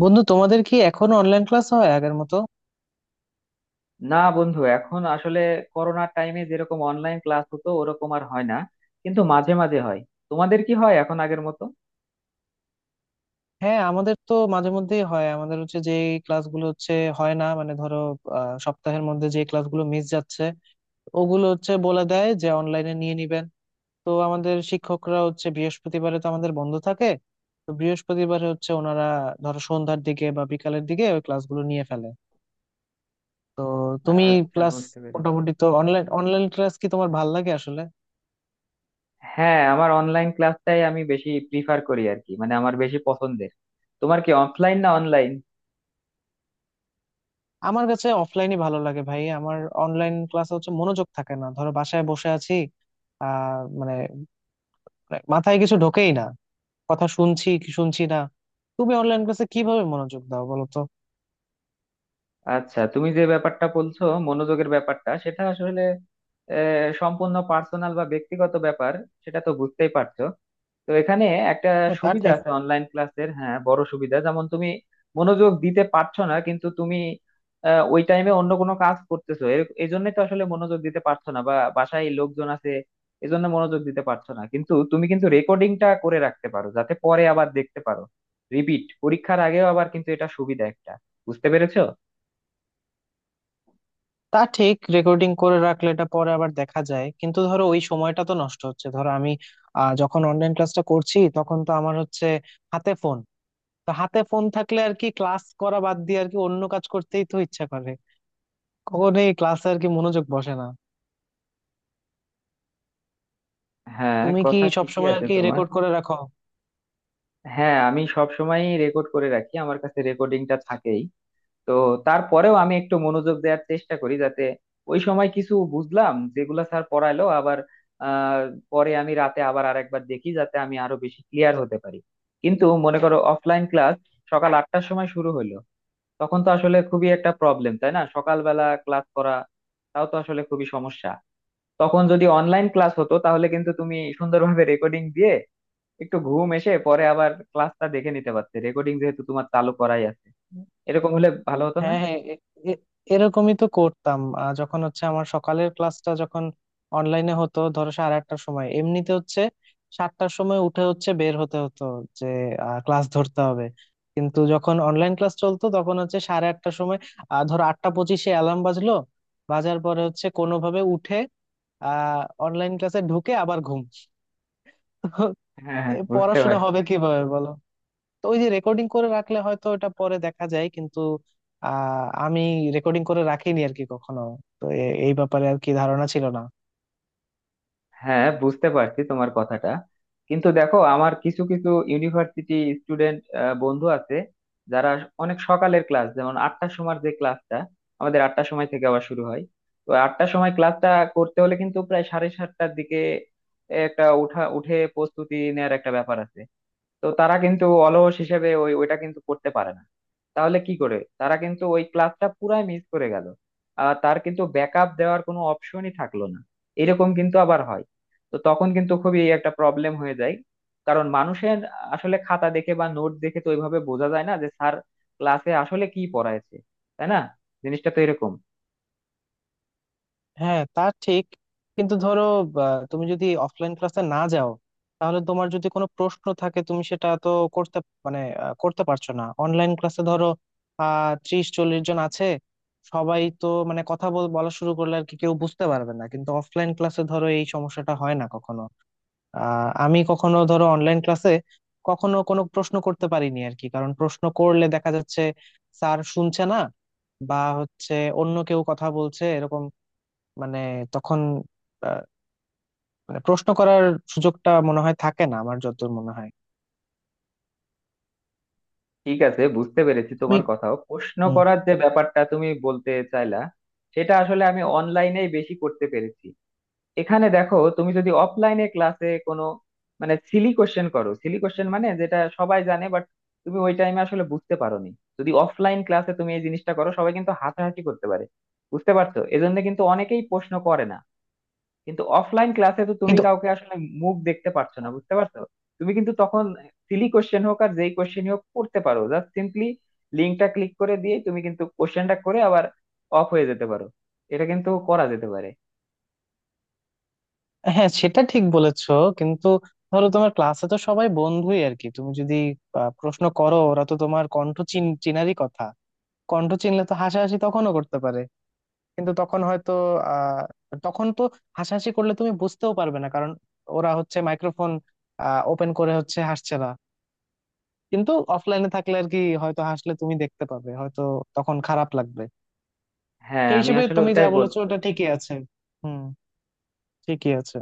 বন্ধু, তোমাদের কি এখনো অনলাইন ক্লাস হয় আগের মতো? না বন্ধু, এখন আসলে করোনার টাইমে যেরকম অনলাইন ক্লাস হতো ওরকম আর হয় না, কিন্তু মাঝে মাঝে হয়। তোমাদের কি হয় এখন আগের মতো? হ্যাঁ, আমাদের তো মাঝে মধ্যেই হয়। আমাদের হচ্ছে যে ক্লাসগুলো হচ্ছে, হয় না মানে ধরো সপ্তাহের মধ্যে যে ক্লাসগুলো মিস যাচ্ছে, ওগুলো হচ্ছে বলে দেয় যে অনলাইনে নিয়ে নিবেন। তো আমাদের শিক্ষকরা হচ্ছে, বৃহস্পতিবারে তো আমাদের বন্ধ থাকে, তো বৃহস্পতিবারে হচ্ছে ওনারা ধরো সন্ধ্যার দিকে বা বিকালের দিকে ওই ক্লাসগুলো নিয়ে ফেলে। তো তুমি আচ্ছা, ক্লাস বুঝতে পেরেছি। মোটামুটি তো, অনলাইন অনলাইন ক্লাস কি তোমার ভাল লাগে আসলে? হ্যাঁ, আমার অনলাইন ক্লাসটাই আমি বেশি প্রিফার করি আর কি, মানে আমার বেশি পছন্দের। তোমার কি অফলাইন না অনলাইন? আমার কাছে অফলাইনই ভালো লাগে ভাই। আমার অনলাইন ক্লাসে হচ্ছে মনোযোগ থাকে না, ধরো বাসায় বসে আছি, মানে মাথায় কিছু ঢোকেই না, কথা শুনছি কি শুনছি না। তুমি অনলাইন ক্লাসে কিভাবে মনোযোগ দাও বলো তো? আচ্ছা, তুমি যে ব্যাপারটা বলছো, মনোযোগের ব্যাপারটা, সেটা আসলে সম্পূর্ণ পার্সোনাল বা ব্যক্তিগত ব্যাপার, সেটা তো বুঝতেই পারছো। তো এখানে একটা হ্যাঁ, তা সুবিধা ঠিক। আছে অনলাইন ক্লাসের। হ্যাঁ, বড় সুবিধা। যেমন তুমি মনোযোগ দিতে পারছো না, কিন্তু তুমি ওই টাইমে অন্য কোনো কাজ করতেছো, এই জন্য তো আসলে মনোযোগ দিতে পারছো না, বা বাসায় লোকজন আছে এজন্য মনোযোগ দিতে পারছো না, কিন্তু তুমি কিন্তু রেকর্ডিংটা করে রাখতে পারো যাতে পরে আবার দেখতে পারো, রিপিট পরীক্ষার আগেও আবার। কিন্তু এটা সুবিধা একটা। বুঝতে পেরেছো? রেকর্ডিং করে রাখলে এটা পরে আবার দেখা যায়, কিন্তু ধরো ওই সময়টা তো নষ্ট হচ্ছে। ধরো আমি যখন অনলাইন ক্লাসটা করছি, তখন তো আমার হচ্ছে হাতে ফোন। তো হাতে ফোন থাকলে আর কি ক্লাস করা বাদ দিয়ে আর কি অন্য কাজ করতেই তো ইচ্ছা করে, কখনোই ক্লাসে আর কি মনোযোগ বসে না। হ্যাঁ, তুমি কি কথা ঠিকই সবসময় আর আছে কি তোমার। রেকর্ড করে রাখো? হ্যাঁ, আমি সব সময় রেকর্ড করে রাখি, আমার কাছে রেকর্ডিংটা থাকেই। তো তারপরেও আমি একটু মনোযোগ দেওয়ার চেষ্টা করি, যাতে ওই সময় কিছু বুঝলাম যেগুলো স্যার পড়াইলো। আবার আহ পরে আমি রাতে আবার আর একবার দেখি, যাতে আমি আরো বেশি ক্লিয়ার হতে পারি। কিন্তু মনে করো, অফলাইন ক্লাস সকাল আটটার সময় শুরু হলো, তখন তো আসলে খুবই একটা প্রবলেম, তাই না? সকালবেলা ক্লাস করা তাও তো আসলে খুবই সমস্যা। তখন যদি অনলাইন ক্লাস হতো তাহলে কিন্তু তুমি সুন্দরভাবে রেকর্ডিং দিয়ে একটু ঘুম এসে পরে আবার ক্লাসটা দেখে নিতে পারতে, রেকর্ডিং যেহেতু তোমার চালু করাই আছে। এরকম হলে ভালো হতো না? হ্যাঁ, হ্যাঁ। এ- এরকমই তো করতাম। যখন হচ্ছে আমার সকালের ক্লাসটা যখন অনলাইনে হতো, ধরো সাড়ে আটটার সময় এমনিতে হচ্ছে সাতটার সময় উঠে হচ্ছে বের হতে হতো যে ক্লাস ধরতে হবে। কিন্তু যখন অনলাইন ক্লাস চলতো, তখন হচ্ছে সাড়ে আটটার সময় ধরো আটটা পঁচিশে অ্যালার্ম বাজলো। বাজার পরে হচ্ছে কোনোভাবে উঠে অনলাইন ক্লাসে ঢুকে আবার ঘুম। তো হ্যাঁ হ্যাঁ, এ বুঝতে পড়াশোনা পারছি। হবে কিভাবে বলো? তো ওই যে রেকর্ডিং করে রাখলে হয়তো এটা পরে দেখা যায়, কিন্তু আমি রেকর্ডিং করে রাখিনি আর কি কখনো। তো এই ব্যাপারে আর কি ধারণা ছিল না। হ্যাঁ, বুঝতে পারছি তোমার কথাটা। কিন্তু দেখো, আমার কিছু কিছু ইউনিভার্সিটি স্টুডেন্ট বন্ধু আছে যারা অনেক সকালের ক্লাস, যেমন আটটার সময় যে ক্লাসটা, আমাদের আটটার সময় থেকে আবার শুরু হয়। তো আটটার সময় ক্লাসটা করতে হলে কিন্তু প্রায় সাড়ে সাতটার দিকে একটা উঠা, উঠে প্রস্তুতি নেওয়ার একটা ব্যাপার আছে। তো তারা কিন্তু অলস হিসেবে ওইটা কিন্তু করতে পারে না। তাহলে কি করে, তারা কিন্তু ওই ক্লাসটা পুরাই মিস করে গেল, আর তার কিন্তু ব্যাকআপ দেওয়ার কোনো অপশনই থাকলো না। এরকম কিন্তু আবার হয়। তো তখন কিন্তু খুবই একটা প্রবলেম হয়ে যায়, কারণ মানুষের আসলে খাতা দেখে বা নোট দেখে তো ওইভাবে বোঝা যায় না যে স্যার ক্লাসে আসলে কি পড়ায়ছে, তাই না? জিনিসটা তো এরকম। হ্যাঁ, তা ঠিক। কিন্তু ধরো তুমি যদি অফলাইন ক্লাসে না যাও, তাহলে তোমার যদি কোনো প্রশ্ন থাকে, তুমি সেটা তো করতে মানে করতে পারছো না। অনলাইন ক্লাসে ধরো ত্রিশ চল্লিশ জন আছে, সবাই তো মানে বলা শুরু করলে আর কি কেউ বুঝতে পারবে না। কিন্তু অফলাইন ক্লাসে ধরো এই সমস্যাটা হয় না কখনো। আমি কখনো ধরো অনলাইন ক্লাসে কখনো কোনো প্রশ্ন করতে পারিনি আর কি, কারণ প্রশ্ন করলে দেখা যাচ্ছে স্যার শুনছে না, বা হচ্ছে অন্য কেউ কথা বলছে, এরকম। মানে তখন আহ, মানে প্রশ্ন করার সুযোগটা মনে হয় থাকে না, আমার যতদূর মনে হয়। ঠিক আছে, বুঝতে পেরেছি তুমি তোমার কথাও, প্রশ্ন হুম। করার যে ব্যাপারটা তুমি বলতে চাইলা সেটা আসলে আমি অনলাইনেই বেশি করতে পেরেছি। এখানে দেখো, তুমি যদি অফলাইনে ক্লাসে কোনো, মানে, সিলি কোশ্চেন করো, সিলি কোশ্চেন মানে যেটা সবাই জানে, বাট তুমি ওই টাইমে আসলে বুঝতে পারোনি, যদি অফলাইন ক্লাসে তুমি এই জিনিসটা করো সবাই কিন্তু হাসাহাসি করতে পারে। বুঝতে পারছো? এজন্য কিন্তু অনেকেই প্রশ্ন করে না। কিন্তু অফলাইন ক্লাসে তো তুমি কিন্তু কাউকে আসলে মুখ দেখতে পারছো না, বুঝতে পারছো। তুমি কিন্তু তখন সিলি কোশ্চেন হোক আর যেই কোশ্চেন হোক করতে পারো, জাস্ট সিম্পলি লিঙ্কটা ক্লিক করে দিয়ে তুমি কিন্তু কোশ্চেনটা করে আবার অফ হয়ে যেতে পারো। এটা কিন্তু করা যেতে পারে। হ্যাঁ, সেটা ঠিক বলেছো। কিন্তু ধরো তোমার ক্লাসে তো সবাই বন্ধুই আর কি, তুমি যদি প্রশ্ন করো, ওরা তো তোমার কণ্ঠ চিনারই কথা। কণ্ঠ চিনলে তো হাসাহাসি তখনও করতে পারে, কিন্তু তখন হয়তো আহ তখন তো হাসাহাসি করলে তুমি বুঝতেও পারবে না, কারণ ওরা হচ্ছে মাইক্রোফোন ওপেন করে হচ্ছে হাসছে না। কিন্তু অফলাইনে থাকলে আর কি হয়তো হাসলে তুমি দেখতে পাবে, হয়তো তখন খারাপ লাগবে। হ্যাঁ, সেই আমি হিসেবে আসলে তুমি যা ওটাই বলতে বলেছো ওটা চাচ্ছি। ঠিকই আছে। হুম, ঠিকই আছে।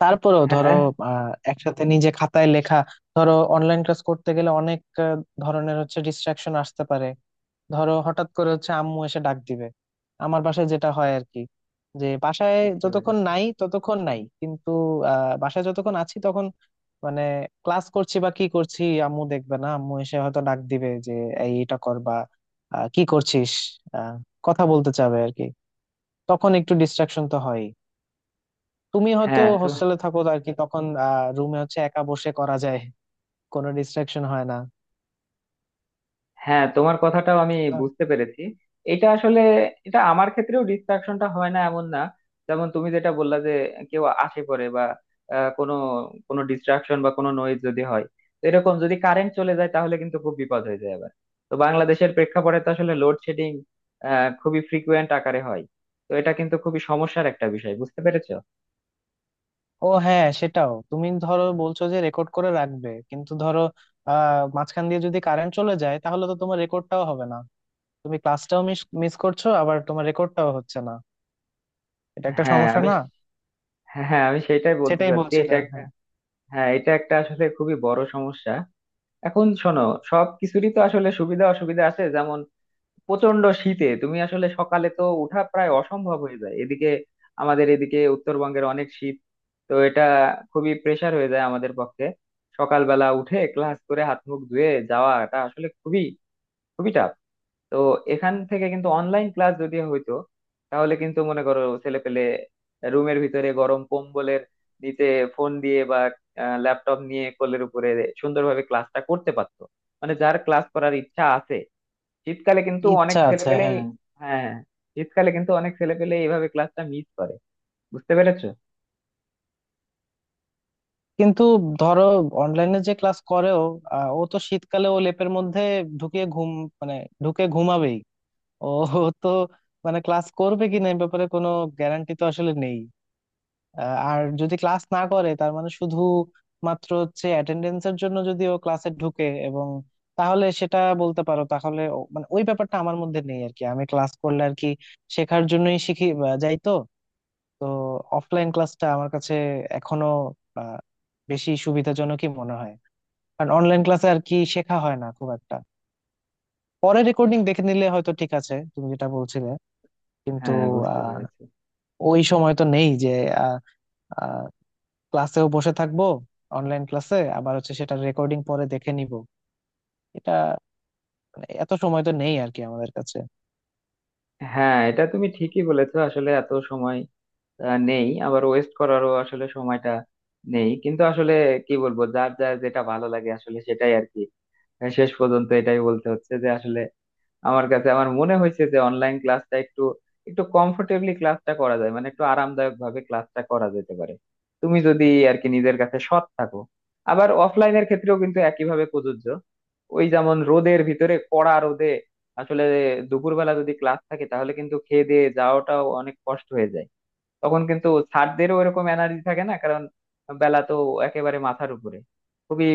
তারপরেও ধরো হ্যাঁ, একসাথে নিজে খাতায় লেখা, ধরো অনলাইন ক্লাস করতে গেলে অনেক আহ, ধরনের হচ্ছে ডিস্ট্রাকশন আসতে পারে। ধরো হঠাৎ করে হচ্ছে আম্মু এসে ডাক দিবে, আমার বাসায় যেটা হয় আর কি, যে বাসায় বুঝতে যতক্ষণ পেরেছি। নাই ততক্ষণ নাই, কিন্তু বাসায় যতক্ষণ আছি, তখন মানে ক্লাস করছি বা কি করছি আম্মু দেখবে না, আম্মু এসে হয়তো ডাক দিবে যে এই এটা কর, বা কি করছিস, আহ, কথা বলতে চাবে আর কি। তখন একটু ডিস্ট্রাকশন তো হয়। তুমি হয়তো হ্যাঁ। তো হোস্টেলে থাকো আর কি, তখন রুমে হচ্ছে একা বসে করা যায়, কোনো ডিস্ট্রাকশন হয় না। হ্যাঁ, তোমার কথাটাও আমি বুঝতে পেরেছি। এটা আসলে, এটা আমার ক্ষেত্রেও ডিস্ট্রাকশনটা হয় না এমন না। যেমন তুমি যেটা বললা, যে কেউ আসে পড়ে বা কোনো কোনো ডিস্ট্রাকশন বা কোনো নয়েজ যদি হয়, তো এরকম যদি কারেন্ট চলে যায় তাহলে কিন্তু খুব বিপদ হয়ে যায় আবার। তো বাংলাদেশের প্রেক্ষাপটে তো আসলে লোডশেডিং খুবই ফ্রিকুয়েন্ট আকারে হয়। তো এটা কিন্তু খুবই সমস্যার একটা বিষয়, বুঝতে পেরেছো? ও হ্যাঁ, সেটাও তুমি ধরো বলছো যে রেকর্ড করে রাখবে, কিন্তু ধরো মাঝখান দিয়ে যদি কারেন্ট চলে যায়, তাহলে তো তোমার রেকর্ডটাও হবে না, তুমি ক্লাসটাও মিস মিস করছো, আবার তোমার রেকর্ডটাও হচ্ছে না। এটা একটা হ্যাঁ, সমস্যা আমি, না? হ্যাঁ হ্যাঁ, আমি সেটাই বলতে সেটাই চাচ্ছি, বলছিলে এটা একটা। হ্যাঁ। হ্যাঁ, এটা একটা আসলে খুবই বড় সমস্যা। এখন শোনো, সব কিছুরই তো আসলে সুবিধা অসুবিধা আছে। যেমন প্রচন্ড শীতে তুমি আসলে সকালে তো উঠা প্রায় অসম্ভব হয়ে যায়। এদিকে আমাদের এদিকে উত্তরবঙ্গের অনেক শীত। তো এটা খুবই প্রেসার হয়ে যায় আমাদের পক্ষে, সকালবেলা উঠে ক্লাস করে হাত মুখ ধুয়ে যাওয়াটা আসলে খুবই খুবই tough। তো এখান থেকে কিন্তু অনলাইন ক্লাস যদি হইতো তাহলে কিন্তু মনে করো ছেলে পেলে রুমের ভিতরে গরম কম্বলের নিচে ফোন দিয়ে বা ল্যাপটপ নিয়ে কোলের উপরে সুন্দরভাবে ক্লাসটা করতে পারতো, মানে যার ক্লাস করার ইচ্ছা আছে। শীতকালে কিন্তু অনেক ইচ্ছা ছেলে আছে, পেলে, হ্যাঁ। হ্যাঁ, শীতকালে কিন্তু অনেক ছেলে পেলে এইভাবে ক্লাসটা মিস করে। বুঝতে পেরেছো? কিন্তু ধরো অনলাইনে যে ক্লাস করেও ও তো শীতকালে ও লেপের মধ্যে ঢুকিয়ে ঘুম, মানে ঢুকে ঘুমাবেই ও। তো মানে ক্লাস করবে কিনা এই ব্যাপারে কোনো গ্যারান্টি তো আসলে নেই। আহ, আর যদি ক্লাস না করে, তার মানে শুধু মাত্র হচ্ছে অ্যাটেন্ডেন্সের জন্য যদি ও ক্লাসে ঢুকে এবং তাহলে সেটা বলতে পারো, তাহলে মানে ওই ব্যাপারটা আমার মধ্যে নেই আর কি, আমি ক্লাস করলে আর কি শেখার জন্যই শিখি বা যাই তো। তো অফলাইন ক্লাসটা আমার কাছে এখনো আহ, বেশি সুবিধাজনকই মনে হয়, কারণ অনলাইন ক্লাসে আর কি শেখা হয় না খুব একটা। পরে রেকর্ডিং দেখে নিলে হয়তো ঠিক আছে, তুমি যেটা বলছিলে, কিন্তু হ্যাঁ, বুঝতে আহ পেরেছি। ওই সময় তো নেই যে ক্লাসেও বসে থাকবো, অনলাইন ক্লাসে আবার হচ্ছে সেটা রেকর্ডিং পরে দেখে নিব। এটা মানে এত সময় তো নেই আর কি আমাদের কাছে। হ্যাঁ, এটা তুমি ঠিকই বলেছো, আসলে এত সময় নেই, আবার ওয়েস্ট করারও আসলে সময়টা নেই। কিন্তু আসলে কি বলবো, যার যার যেটা ভালো লাগে আসলে সেটাই আর কি। শেষ পর্যন্ত এটাই বলতে হচ্ছে যে আসলে আমার কাছে, আমার মনে হয়েছে যে অনলাইন ক্লাসটা একটু একটু কমফোর্টেবলি ক্লাসটা করা যায়, মানে একটু আরামদায়ক ভাবে ক্লাসটা করা যেতে পারে, তুমি যদি আর কি নিজের কাছে সৎ থাকো। আবার অফলাইনের ক্ষেত্রেও কিন্তু একইভাবে প্রযোজ্য। ওই যেমন রোদের ভিতরে কড়া রোদে আসলে দুপুরবেলা যদি ক্লাস থাকে তাহলে কিন্তু খেয়ে দিয়ে যাওয়াটাও অনেক কষ্ট হয়ে যায়। তখন কিন্তু স্যারদেরও ওরকম এনার্জি থাকে না, কারণ বেলা তো একেবারে মাথার উপরে, খুবই,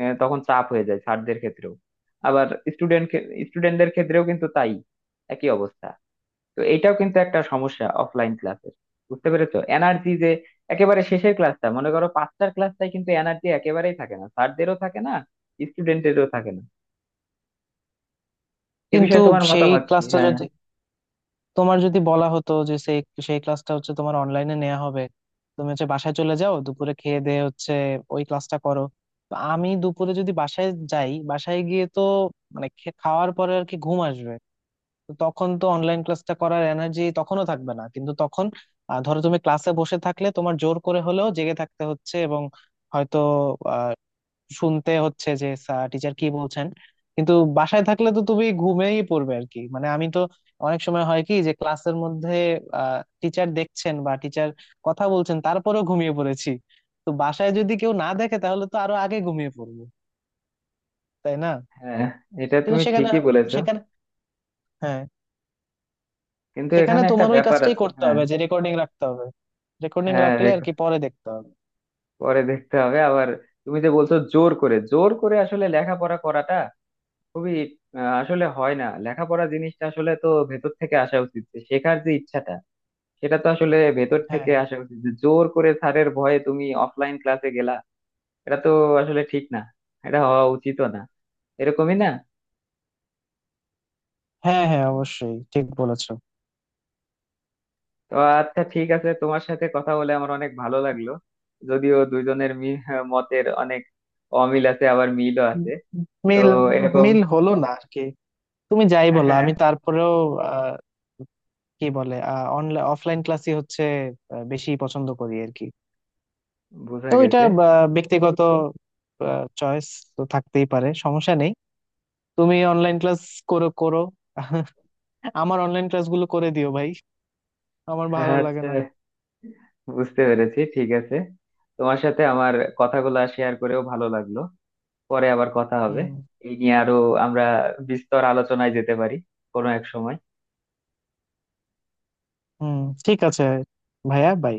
তখন চাপ হয়ে যায় স্যারদের ক্ষেত্রেও। আবার স্টুডেন্ট স্টুডেন্টদের ক্ষেত্রেও কিন্তু তাই, একই অবস্থা। তো এটাও কিন্তু একটা সমস্যা অফলাইন ক্লাসের। বুঝতে পেরেছো? এনার্জি যে একেবারে শেষের ক্লাসটা মনে করো পাঁচটার ক্লাসটাই, কিন্তু এনার্জি একেবারেই থাকে না, স্যারদেরও থাকে না, স্টুডেন্টেরও থাকে না। এ কিন্তু বিষয়ে তোমার সেই মতামত কি? ক্লাসটা হ্যাঁ। যদি তোমার যদি বলা হতো যে সেই সেই ক্লাসটা হচ্ছে তোমার অনলাইনে নেওয়া হবে, তুমি হচ্ছে বাসায় চলে যাও দুপুরে, খেয়ে দিয়ে হচ্ছে ওই ক্লাসটা করো, তো আমি দুপুরে যদি বাসায় যাই, বাসায় গিয়ে তো মানে খাওয়ার পরে আর কি ঘুম আসবে। তো তখন তো অনলাইন ক্লাসটা করার এনার্জি তখনও থাকবে না। কিন্তু তখন ধরো তুমি ক্লাসে বসে থাকলে তোমার জোর করে হলেও জেগে থাকতে হচ্ছে, এবং হয়তো আহ, শুনতে হচ্ছে যে স্যার টিচার কি বলছেন। কিন্তু বাসায় থাকলে তো তুমি ঘুমেই পড়বে আর কি, মানে আমি তো অনেক সময় হয় কি, যে ক্লাসের মধ্যে টিচার দেখছেন বা টিচার কথা বলছেন, তারপরেও ঘুমিয়ে পড়েছি। তো বাসায় যদি কেউ না দেখে তাহলে তো আরো আগে ঘুমিয়ে পড়বো, তাই না? হ্যাঁ, এটা কিন্তু তুমি সেখানে ঠিকই বলেছো। সেখানে হ্যাঁ, কিন্তু সেখানে এখানে একটা তোমার ওই ব্যাপার কাজটাই আছে। করতে হ্যাঁ। হবে যে রেকর্ডিং রাখতে হবে, রেকর্ডিং হ্যাঁ, রাখলে আর কি পরে দেখতে হবে। পরে দেখতে হবে আবার। তুমি যে বলছো জোর করে, জোর করে আসলে লেখাপড়া করাটা খুবই, আসলে হয় না। লেখাপড়া জিনিসটা আসলে তো ভেতর থেকে আসা উচিত, যে শেখার যে ইচ্ছাটা সেটা তো আসলে ভেতর হ্যাঁ, থেকে আসা উচিত। যে জোর করে স্যারের ভয়ে তুমি অফলাইন ক্লাসে গেলা, এটা তো আসলে ঠিক না, এটা হওয়া উচিতও না, এরকমই না। হ্যাঁ, হ্যাঁ, অবশ্যই ঠিক বলেছো। তো আচ্ছা, ঠিক আছে, তোমার সাথে কথা বলে আমার অনেক ভালো লাগলো। যদিও দুইজনের মতের অনেক অমিল আছে, আবার মিলও উম, আছে। তো মিল, এরকম। মিল হলো না আর কি। তুমি যাই হ্যাঁ বলো, হ্যাঁ, আমি তারপরেও আহ, কি বলে অনলাইন অফলাইন ক্লাসই হচ্ছে বেশি পছন্দ করি আর কি। বোঝা তো এটা গেছে। ব্যক্তিগত চয়েস, তো থাকতেই পারে, সমস্যা নেই। তুমি অনলাইন ক্লাস করো করো, আমার অনলাইন ক্লাসগুলো করে দিও ভাই, আমার ভালো হ্যাঁ, লাগে আচ্ছা, না। বুঝতে পেরেছি, ঠিক আছে। তোমার সাথে আমার কথাগুলো শেয়ার করেও ভালো লাগলো। পরে আবার কথা হবে হুম। এই নিয়ে। আরো আমরা বিস্তর আলোচনায় যেতে পারি কোনো এক সময়। হুম, ঠিক আছে। ভাইয়া, বাই।